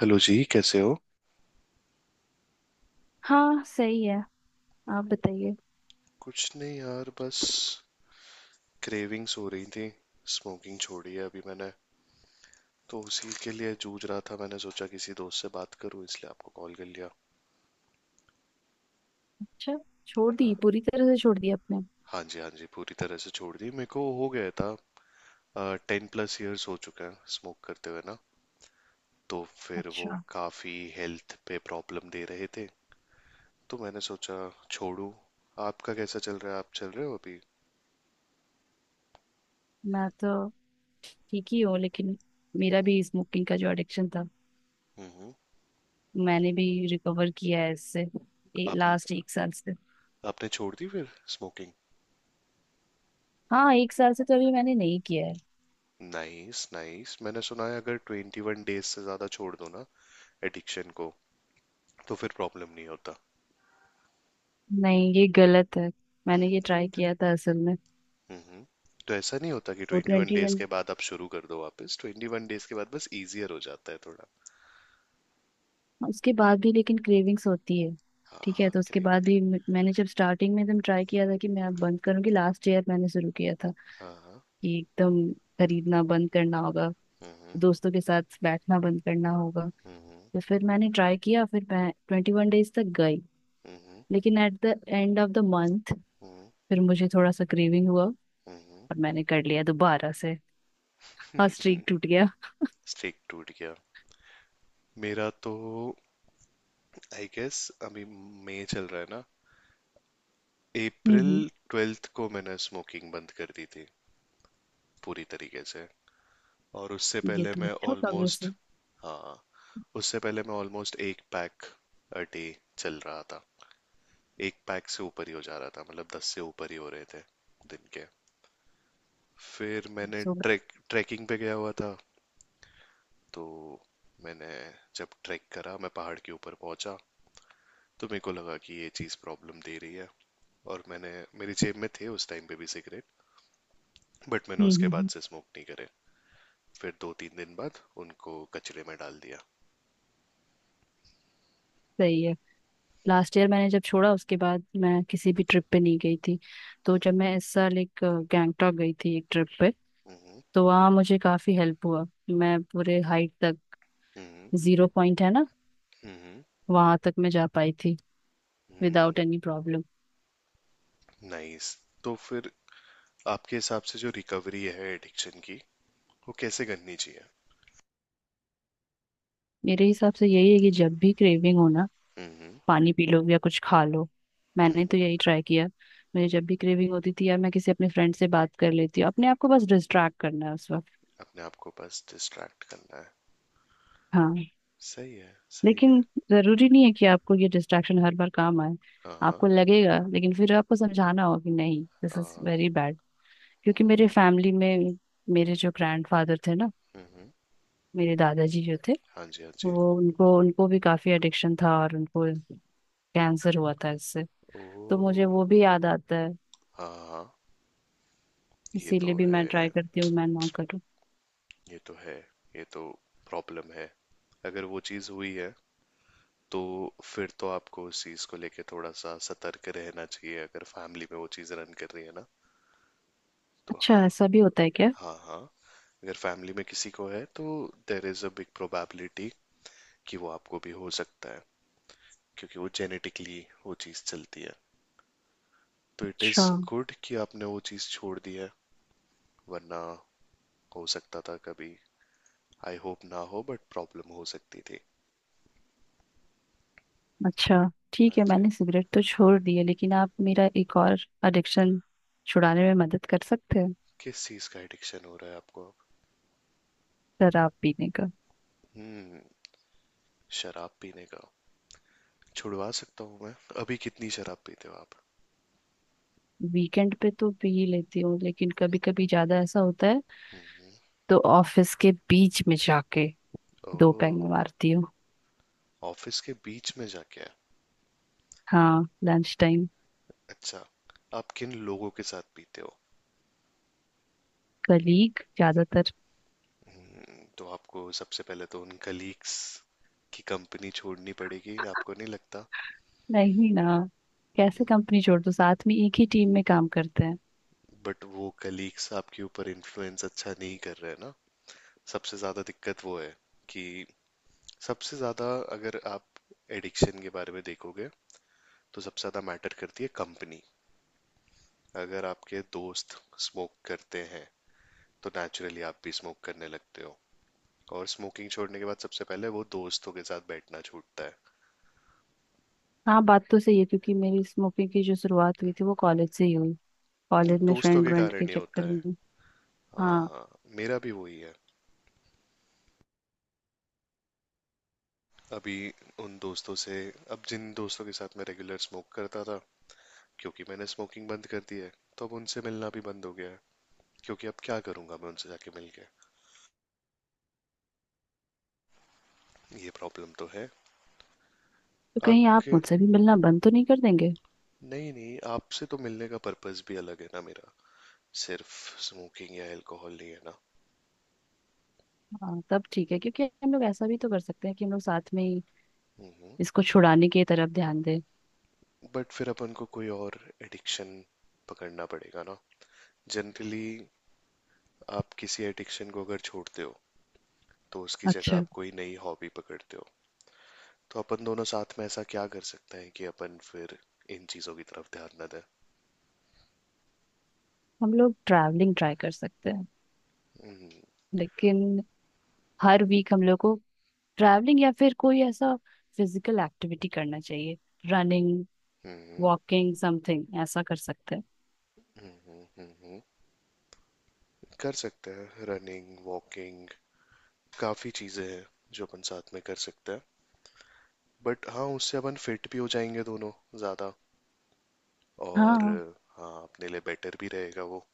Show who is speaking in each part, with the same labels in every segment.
Speaker 1: Hello जी, कैसे हो।
Speaker 2: हाँ, सही है। आप बताइए।
Speaker 1: कुछ नहीं यार, बस क्रेविंग्स हो रही थी। स्मोकिंग छोड़ी है अभी मैंने। तो उसी के लिए जूझ रहा था, मैंने सोचा किसी दोस्त से बात करूं, इसलिए आपको कॉल कर लिया।
Speaker 2: अच्छा। छोड़
Speaker 1: हाँ।
Speaker 2: दी, पूरी तरह से छोड़ दी आपने?
Speaker 1: हाँ जी, हाँ जी, पूरी तरह से छोड़ दी। मेरे को हो गया था, 10+ इयर्स हो चुके हैं स्मोक करते हुए ना। तो फिर वो
Speaker 2: अच्छा।
Speaker 1: काफ़ी हेल्थ पे प्रॉब्लम दे रहे थे, तो मैंने सोचा छोड़ू। आपका कैसा चल रहा है? आप चल रहे हो अभी?
Speaker 2: मैं तो ठीक ही हूँ, लेकिन मेरा भी स्मोकिंग का जो एडिक्शन था,
Speaker 1: हम्म। हम्म।
Speaker 2: मैंने भी रिकवर किया है इससे
Speaker 1: आपने
Speaker 2: लास्ट एक साल से।
Speaker 1: आपने छोड़ दी फिर, स्मोकिंग।
Speaker 2: हाँ, एक साल से तो अभी मैंने नहीं किया है।
Speaker 1: नाइस नाइस, मैंने सुना है अगर 21 डेज से ज्यादा छोड़ दो ना, एडिक्शन को, तो फिर प्रॉब्लम नहीं होता।
Speaker 2: नहीं, ये गलत है। मैंने
Speaker 1: हम्म।
Speaker 2: ये ट्राई किया था असल में।
Speaker 1: हम्म। हम्म। तो ऐसा नहीं होता कि
Speaker 2: वो
Speaker 1: twenty one
Speaker 2: twenty
Speaker 1: days
Speaker 2: one,
Speaker 1: के बाद आप शुरू कर दो वापस, 21 डेज के बाद बस इजियर हो जाता है थोड़ा।
Speaker 2: उसके बाद भी लेकिन क्रेविंग्स होती है।
Speaker 1: हाँ
Speaker 2: ठीक है,
Speaker 1: हाँ
Speaker 2: तो उसके
Speaker 1: क्रेव
Speaker 2: बाद भी मैंने जब स्टार्टिंग में एकदम ट्राई किया था कि मैं अब बंद करूंगी, लास्ट ईयर मैंने शुरू किया था
Speaker 1: हाँ हाँ।
Speaker 2: कि एकदम खरीदना बंद करना होगा,
Speaker 1: हम्म।
Speaker 2: दोस्तों के साथ बैठना बंद करना होगा।
Speaker 1: हम्म।
Speaker 2: तो फिर मैंने ट्राई किया, फिर मैं 21 डेज तक गई
Speaker 1: हम्म।
Speaker 2: लेकिन at the end of the month
Speaker 1: हम्म।
Speaker 2: फिर मुझे थोड़ा सा क्रेविंग हुआ और
Speaker 1: हम्म।
Speaker 2: मैंने कर लिया दोबारा से और स्ट्रीक टूट गया।
Speaker 1: स्टिक टूट गया मेरा तो। आई गेस, अभी मई चल रहा है ना। अप्रैल
Speaker 2: हम्म।
Speaker 1: ट्वेल्थ को मैंने स्मोकिंग बंद कर दी थी, पूरी तरीके से। और उससे
Speaker 2: ये
Speaker 1: पहले
Speaker 2: तो
Speaker 1: मैं
Speaker 2: अच्छा प्रोग्रेस
Speaker 1: ऑलमोस्ट।
Speaker 2: है।
Speaker 1: हाँ। उससे पहले मैं ऑलमोस्ट एक पैक अ डे चल रहा था। एक पैक से ऊपर ही हो जा रहा था, मतलब 10 से ऊपर ही हो रहे थे दिन के। फिर मैंने
Speaker 2: सो।
Speaker 1: ट्रैकिंग पे गया हुआ था, तो मैंने जब ट्रैक करा मैं पहाड़ के ऊपर पहुंचा, तो मेरे को लगा कि ये चीज़ प्रॉब्लम दे रही है। और मैंने मेरी जेब में थे उस टाइम पे भी सिगरेट, बट मैंने
Speaker 2: हम्म
Speaker 1: उसके
Speaker 2: हम्म,
Speaker 1: बाद
Speaker 2: हम्म,
Speaker 1: से स्मोक नहीं करे। फिर 2-3 दिन बाद उनको कचरे में डाल दिया।
Speaker 2: सही है। लास्ट ईयर मैंने जब छोड़ा उसके बाद मैं किसी भी ट्रिप पे नहीं गई थी। तो
Speaker 1: हम्म।
Speaker 2: जब मैं इस साल एक गैंगटॉक गई थी एक ट्रिप पे,
Speaker 1: हम्म।
Speaker 2: तो वहाँ मुझे काफी हेल्प हुआ। मैं पूरे हाइट तक,
Speaker 1: हम्म।
Speaker 2: जीरो पॉइंट है ना,
Speaker 1: हम्म।
Speaker 2: वहां तक मैं जा पाई थी
Speaker 1: हम्म।
Speaker 2: Without any problem.
Speaker 1: नाइस। तो फिर आपके हिसाब से जो रिकवरी है एडिक्शन की, वो कैसे करनी चाहिए?
Speaker 2: मेरे हिसाब से यही है कि जब भी क्रेविंग हो ना,
Speaker 1: हम्म।
Speaker 2: पानी पी लो या कुछ खा लो। मैंने
Speaker 1: हम्म।
Speaker 2: तो यही ट्राई किया। मुझे जब भी क्रेविंग होती थी यार, मैं किसी अपने फ्रेंड से बात कर लेती हूँ, अपने आप को बस डिस्ट्रैक्ट करना है उस वक्त।
Speaker 1: अपने आप को बस डिस्ट्रैक्ट करना है।
Speaker 2: हाँ।
Speaker 1: सही है। सही है।
Speaker 2: लेकिन जरूरी नहीं है कि आपको ये डिस्ट्रैक्शन हर बार काम आए।
Speaker 1: हाँ। हाँ।
Speaker 2: आपको लगेगा लेकिन फिर आपको समझाना होगा कि नहीं, दिस इज
Speaker 1: हाँ।
Speaker 2: Very bad. क्योंकि
Speaker 1: हम्म।
Speaker 2: मेरे फैमिली में मेरे जो ग्रैंडफादर थे ना,
Speaker 1: हम्म।
Speaker 2: मेरे दादाजी जो थे,
Speaker 1: हाँ जी, हाँ जी।
Speaker 2: वो उनको उनको भी काफी एडिक्शन था और उनको कैंसर हुआ था इससे। तो मुझे
Speaker 1: ओ।
Speaker 2: वो भी याद आता है।
Speaker 1: हाँ हाँ। ये
Speaker 2: इसीलिए
Speaker 1: तो
Speaker 2: भी
Speaker 1: है।
Speaker 2: मैं ट्राई करती हूँ मैं ना करूँ।
Speaker 1: ये तो है। ये तो प्रॉब्लम है। अगर वो चीज़ हुई है, तो फिर तो आपको उस चीज़ को लेके थोड़ा सा सतर्क रहना चाहिए अगर फैमिली में वो चीज़ रन कर रही है ना, तो हाँ।
Speaker 2: अच्छा, ऐसा भी होता है क्या?
Speaker 1: हाँ हाँ, अगर फैमिली में किसी को है तो there is a big probability कि वो आपको भी हो सकता है। क्योंकि वो जेनेटिकली वो चीज़ चलती है। तो इट इज़
Speaker 2: अच्छा।
Speaker 1: गुड कि आपने वो चीज़ छोड़ दी है। वरना हो सकता था कभी। आई होप ना हो, बट प्रॉब्लम हो सकती थी।
Speaker 2: अच्छा,
Speaker 1: हाँ
Speaker 2: ठीक है।
Speaker 1: जी।
Speaker 2: मैंने सिगरेट तो छोड़ दी है लेकिन आप मेरा एक और एडिक्शन छुड़ाने में मदद कर सकते हैं।
Speaker 1: किस चीज़ का एडिक्शन हो रहा है आपको?
Speaker 2: शराब पीने का।
Speaker 1: हम्म। शराब पीने का? छुड़वा सकता हूँ मैं। अभी कितनी शराब पीते हो आप?
Speaker 2: वीकेंड पे तो पी ही लेती हूँ लेकिन कभी कभी ज्यादा ऐसा होता है,
Speaker 1: हम्म।
Speaker 2: तो ऑफिस के बीच में जाके दो
Speaker 1: ओह।
Speaker 2: पैंग मारती हूँ।
Speaker 1: ऑफिस के बीच में जाके?
Speaker 2: हाँ, लंच टाइम।
Speaker 1: अच्छा। आप किन लोगों के साथ पीते हो?
Speaker 2: कलीग ज्यादातर।
Speaker 1: तो आपको सबसे पहले तो उन कलीग्स की कंपनी छोड़नी पड़ेगी, आपको नहीं लगता?
Speaker 2: नहीं ना। कैसे कंपनी छोड़ दो, साथ में एक ही टीम में काम करते हैं।
Speaker 1: बट वो कलीग्स आपके ऊपर इन्फ्लुएंस अच्छा नहीं कर रहे हैं ना। सबसे ज़्यादा दिक्कत वो है कि सबसे ज़्यादा, अगर आप एडिक्शन के बारे में देखोगे, तो सबसे ज़्यादा मैटर करती है कंपनी। अगर आपके दोस्त स्मोक करते हैं तो नेचुरली आप भी स्मोक करने लगते हो। और स्मोकिंग छोड़ने के बाद सबसे पहले वो दोस्तों के साथ बैठना छूटता
Speaker 2: हाँ, बात तो सही है क्योंकि मेरी स्मोकिंग की जो शुरुआत हुई थी वो कॉलेज से ही हुई।
Speaker 1: है,
Speaker 2: कॉलेज में
Speaker 1: दोस्तों
Speaker 2: फ्रेंड
Speaker 1: के
Speaker 2: व्रेंड के
Speaker 1: कारण ही होता
Speaker 2: चक्कर
Speaker 1: है।
Speaker 2: में।
Speaker 1: हाँ
Speaker 2: हाँ।
Speaker 1: हाँ। मेरा भी वही है। अभी उन दोस्तों से अब जिन दोस्तों के साथ मैं रेगुलर स्मोक करता था, क्योंकि मैंने स्मोकिंग बंद कर दी है, तो अब उनसे मिलना भी बंद हो गया है। क्योंकि अब क्या करूंगा मैं उनसे जाके मिल के। ये प्रॉब्लम तो है।
Speaker 2: तो कहीं आप
Speaker 1: आपके
Speaker 2: मुझसे भी मिलना बंद तो नहीं कर देंगे?
Speaker 1: नहीं नहीं, आपसे तो मिलने का पर्पस भी अलग है ना मेरा। सिर्फ स्मोकिंग या अल्कोहल नहीं है।
Speaker 2: हाँ, तब ठीक है क्योंकि हम लोग ऐसा भी तो कर सकते हैं कि हम लोग साथ में ही
Speaker 1: ना।
Speaker 2: इसको छुड़ाने की तरफ ध्यान दें।
Speaker 1: बट फिर अपन को कोई और एडिक्शन पकड़ना पड़ेगा ना, जनरली आप किसी एडिक्शन को अगर छोड़ते हो, तो उसकी जगह
Speaker 2: अच्छा।
Speaker 1: आप कोई नई हॉबी पकड़ते हो। तो अपन दोनों साथ में ऐसा क्या कर सकते हैं कि अपन फिर इन चीजों की तरफ ध्यान न दें?
Speaker 2: हम लोग ट्रैवलिंग ट्राई कर सकते हैं।
Speaker 1: हम्म।
Speaker 2: लेकिन हर वीक हम लोग को ट्रैवलिंग या फिर कोई ऐसा फिजिकल एक्टिविटी करना चाहिए। Running,
Speaker 1: hmm.
Speaker 2: वॉकिंग, समथिंग ऐसा कर सकते हैं।
Speaker 1: हम्म। हम्म। हम्म। कर सकते हैं रनिंग, वॉकिंग, काफी चीजें हैं जो अपन साथ में कर सकते हैं। बट हाँ, उससे अपन फिट भी हो जाएंगे दोनों, ज्यादा, और
Speaker 2: हाँ
Speaker 1: हाँ, अपने लिए बेटर भी रहेगा वो।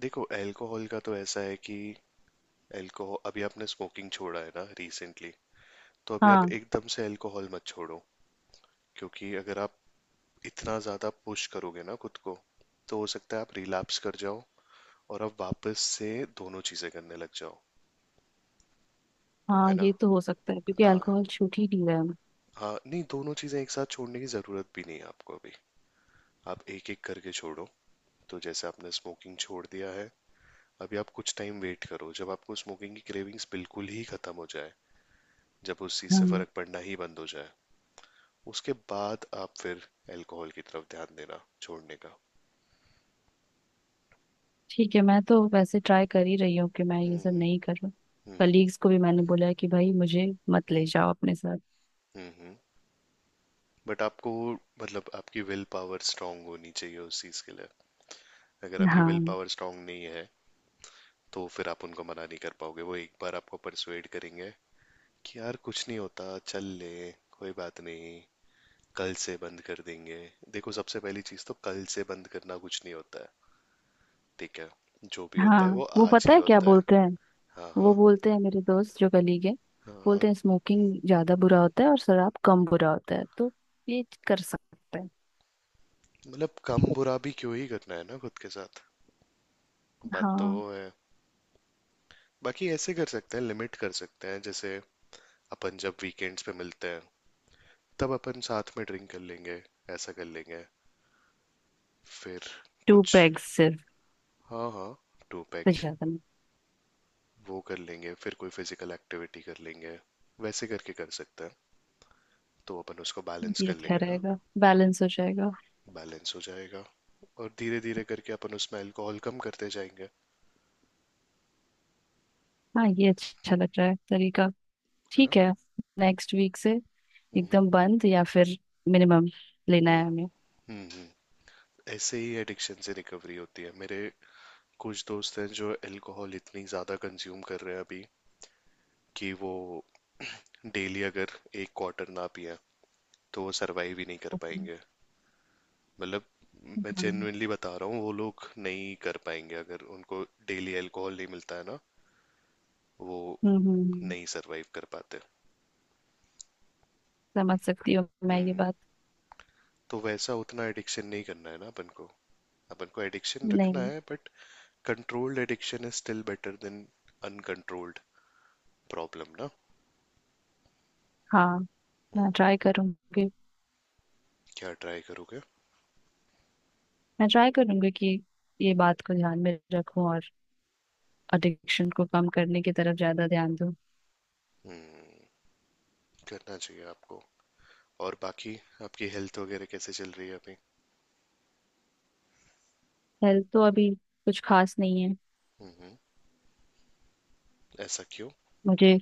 Speaker 1: देखो, अल्कोहल का तो ऐसा है कि अल्कोहल, अभी आपने स्मोकिंग छोड़ा है ना रिसेंटली, तो अभी आप
Speaker 2: हाँ।
Speaker 1: एकदम से अल्कोहल मत छोड़ो। क्योंकि अगर आप इतना ज़्यादा पुश करोगे ना खुद को, तो हो सकता है आप रिलैप्स कर जाओ, और आप वापस से दोनों चीज़ें करने लग जाओ,
Speaker 2: हाँ,
Speaker 1: है ना।
Speaker 2: ये तो हो सकता है क्योंकि
Speaker 1: हाँ
Speaker 2: अल्कोहल छूट ही नहीं रहा है हमें।
Speaker 1: हाँ, नहीं दोनों चीज़ें एक साथ छोड़ने की ज़रूरत भी नहीं है आपको अभी। आप एक एक करके छोड़ो। तो जैसे आपने स्मोकिंग छोड़ दिया है, अभी आप कुछ टाइम वेट करो, जब आपको स्मोकिंग की क्रेविंग्स बिल्कुल ही खत्म हो जाए, जब उस चीज़ से
Speaker 2: हाँ।
Speaker 1: फर्क पड़ना ही बंद हो जाए, उसके बाद आप फिर अल्कोहल की तरफ ध्यान देना, छोड़ने का।
Speaker 2: ठीक है, मैं तो वैसे ट्राई कर ही रही हूँ कि मैं ये सब
Speaker 1: हम्म।
Speaker 2: नहीं कर रहा।
Speaker 1: हम्म। हम्म।
Speaker 2: कलीग्स को भी मैंने बोला है कि भाई मुझे मत
Speaker 1: हम्म।
Speaker 2: ले जाओ अपने साथ।
Speaker 1: हम्म। हम्म। बट आपको, मतलब, आपकी विल पावर स्ट्रांग होनी चाहिए उस चीज के लिए। अगर आपकी विल
Speaker 2: हाँ
Speaker 1: पावर स्ट्रांग नहीं है, तो फिर आप उनको मना नहीं कर पाओगे। वो एक बार आपको परसुएड करेंगे कि यार कुछ नहीं होता, चल ले, कोई बात नहीं, कल से बंद कर देंगे। देखो, सबसे पहली चीज तो, कल से बंद करना कुछ नहीं होता है, ठीक है। जो भी होता है
Speaker 2: हाँ।
Speaker 1: वो
Speaker 2: वो
Speaker 1: आज
Speaker 2: पता
Speaker 1: ही
Speaker 2: है क्या
Speaker 1: होता है।
Speaker 2: बोलते हैं?
Speaker 1: हाँ
Speaker 2: वो
Speaker 1: हाँ।
Speaker 2: बोलते हैं, मेरे दोस्त जो कलीग है
Speaker 1: हाँ हाँ।
Speaker 2: बोलते हैं, स्मोकिंग ज्यादा बुरा होता है और शराब कम बुरा होता है, तो ये कर सकते हैं।
Speaker 1: मतलब कम बुरा भी क्यों ही करना है ना खुद के साथ। बात तो
Speaker 2: हाँ,
Speaker 1: वो है। बाकी ऐसे कर सकते हैं, लिमिट कर सकते हैं, जैसे अपन जब वीकेंड्स पे मिलते हैं तब अपन साथ में ड्रिंक कर लेंगे, ऐसा कर लेंगे, फिर
Speaker 2: टू
Speaker 1: कुछ।
Speaker 2: पैग सिर्फ।
Speaker 1: हाँ हाँ। टू
Speaker 2: तो
Speaker 1: पैक
Speaker 2: ज्यादा नहीं।
Speaker 1: वो कर लेंगे, फिर कोई फिजिकल एक्टिविटी कर लेंगे, वैसे करके कर सकते हैं। तो अपन उसको बैलेंस
Speaker 2: ये
Speaker 1: कर
Speaker 2: अच्छा
Speaker 1: लेंगे ना।
Speaker 2: रहेगा, बैलेंस हो जाएगा।
Speaker 1: बैलेंस हो जाएगा। और धीरे धीरे करके अपन उसमें अल्कोहल कम करते जाएंगे,
Speaker 2: हाँ, ये अच्छा लग रहा है तरीका।
Speaker 1: है ना।
Speaker 2: ठीक है। नेक्स्ट वीक से
Speaker 1: हम्म।
Speaker 2: एकदम बंद या फिर मिनिमम लेना
Speaker 1: हम्म।
Speaker 2: है हमें।
Speaker 1: हम्म। हम्म। ऐसे ही एडिक्शन से रिकवरी होती है। मेरे कुछ दोस्त हैं जो अल्कोहल इतनी ज़्यादा कंज्यूम कर रहे हैं अभी, कि वो डेली अगर एक क्वार्टर ना पिए तो वो सरवाइव ही नहीं कर
Speaker 2: हाँ।
Speaker 1: पाएंगे। मतलब, मैं
Speaker 2: हम्म
Speaker 1: जेन्युइनली बता रहा हूँ, वो लोग नहीं कर पाएंगे अगर उनको डेली अल्कोहल नहीं मिलता है ना, वो
Speaker 2: हम्म,
Speaker 1: नहीं सरवाइव कर पाते।
Speaker 2: समझ सकती हूँ मैं ये
Speaker 1: हम्म।
Speaker 2: बात।
Speaker 1: तो वैसा उतना एडिक्शन नहीं करना है ना अपन को। अपन को एडिक्शन रखना
Speaker 2: नहीं।
Speaker 1: है, but controlled addiction is still better than uncontrolled problem ना।
Speaker 2: हाँ। मैं
Speaker 1: हम्म,
Speaker 2: ट्राई करूंगी।
Speaker 1: क्या ट्राई करोगे?
Speaker 2: मैं ट्राई करूंगी कि ये बात को ध्यान में रखूं और एडिक्शन को कम करने की तरफ ज्यादा ध्यान दूं।
Speaker 1: हम्म। करना चाहिए आपको। और बाकी, आपकी हेल्थ वगैरह कैसे चल रही है अभी?
Speaker 2: हेल्थ तो अभी कुछ खास नहीं है।
Speaker 1: हम्म। ऐसा क्यों?
Speaker 2: मुझे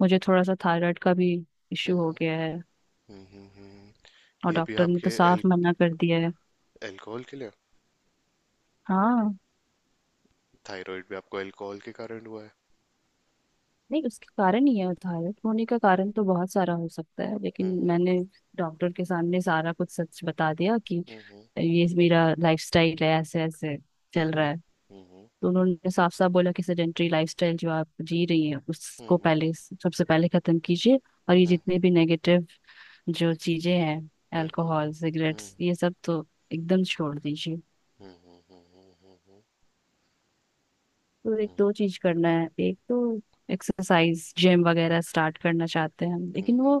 Speaker 2: मुझे थोड़ा सा थायराइड का भी इश्यू हो
Speaker 1: हम्म।
Speaker 2: गया है।
Speaker 1: हम्म।
Speaker 2: और
Speaker 1: ये भी
Speaker 2: डॉक्टर ने तो
Speaker 1: आपके
Speaker 2: साफ मना कर दिया है।
Speaker 1: अल्कोहल के लिए?
Speaker 2: हाँ।
Speaker 1: थायराइड भी आपको अल्कोहल के कारण हुआ है?
Speaker 2: नहीं, उसके कारण ही है। थायराइड होने का कारण तो बहुत सारा हो सकता है लेकिन
Speaker 1: हम्म। हम्म।
Speaker 2: मैंने डॉक्टर के सामने सारा कुछ सच बता दिया कि ये मेरा लाइफस्टाइल है, ऐसे ऐसे चल
Speaker 1: हम्म।
Speaker 2: रहा है।
Speaker 1: हम्म।
Speaker 2: तो उन्होंने साफ साफ बोला कि सेडेंटरी लाइफस्टाइल जो आप जी रही हैं उसको
Speaker 1: हम्म।
Speaker 2: पहले, सबसे पहले खत्म कीजिए। और ये जितने भी नेगेटिव जो चीजें हैं, अल्कोहल, सिगरेट्स, ये सब तो एकदम छोड़ दीजिए।
Speaker 1: हम्म।
Speaker 2: तो एक दो चीज करना है। एक तो एक्सरसाइज, जिम वगैरह स्टार्ट करना चाहते हैं हम, लेकिन
Speaker 1: हम्म।
Speaker 2: वो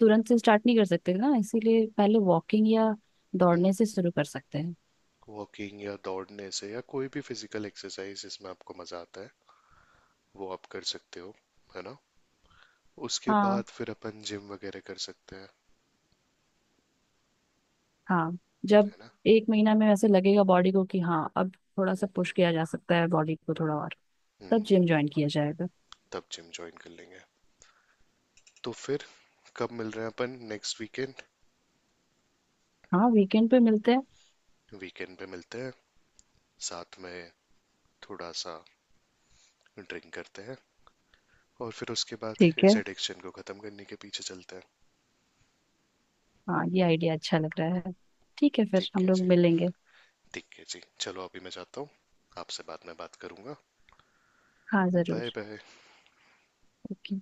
Speaker 2: तुरंत से स्टार्ट नहीं कर सकते ना, इसीलिए पहले वॉकिंग या दौड़ने से शुरू कर सकते हैं।
Speaker 1: वॉकिंग या दौड़ने से, या कोई भी फिजिकल एक्सरसाइज जिसमें आपको मजा आता है, वो आप कर सकते हो, है ना। उसके
Speaker 2: हाँ
Speaker 1: बाद फिर अपन जिम वगैरह कर सकते हैं,
Speaker 2: हाँ। जब
Speaker 1: है ना।
Speaker 2: एक महीना में वैसे लगेगा बॉडी को कि हाँ अब थोड़ा सा पुश किया जा सकता है बॉडी को थोड़ा और,
Speaker 1: हम्म,
Speaker 2: तब
Speaker 1: हम्म।
Speaker 2: जिम ज्वाइन किया जाएगा।
Speaker 1: तब जिम ज्वाइन कर लेंगे। तो फिर कब मिल रहे हैं अपन? Next weekend?
Speaker 2: हाँ, वीकेंड पे मिलते हैं।
Speaker 1: वीकेंड पे मिलते हैं, साथ में थोड़ा सा ड्रिंक करते हैं, और फिर उसके बाद
Speaker 2: ठीक है।
Speaker 1: इस एडिक्शन को ख़त्म करने के पीछे चलते हैं।
Speaker 2: हाँ, ये आइडिया अच्छा लग रहा है। ठीक है, फिर
Speaker 1: ठीक
Speaker 2: हम
Speaker 1: है
Speaker 2: लोग
Speaker 1: जी।
Speaker 2: मिलेंगे।
Speaker 1: ठीक है जी, चलो अभी मैं जाता हूँ, आपसे बाद में बात करूँगा।
Speaker 2: हाँ जरूर।
Speaker 1: Bye bye.
Speaker 2: ओके।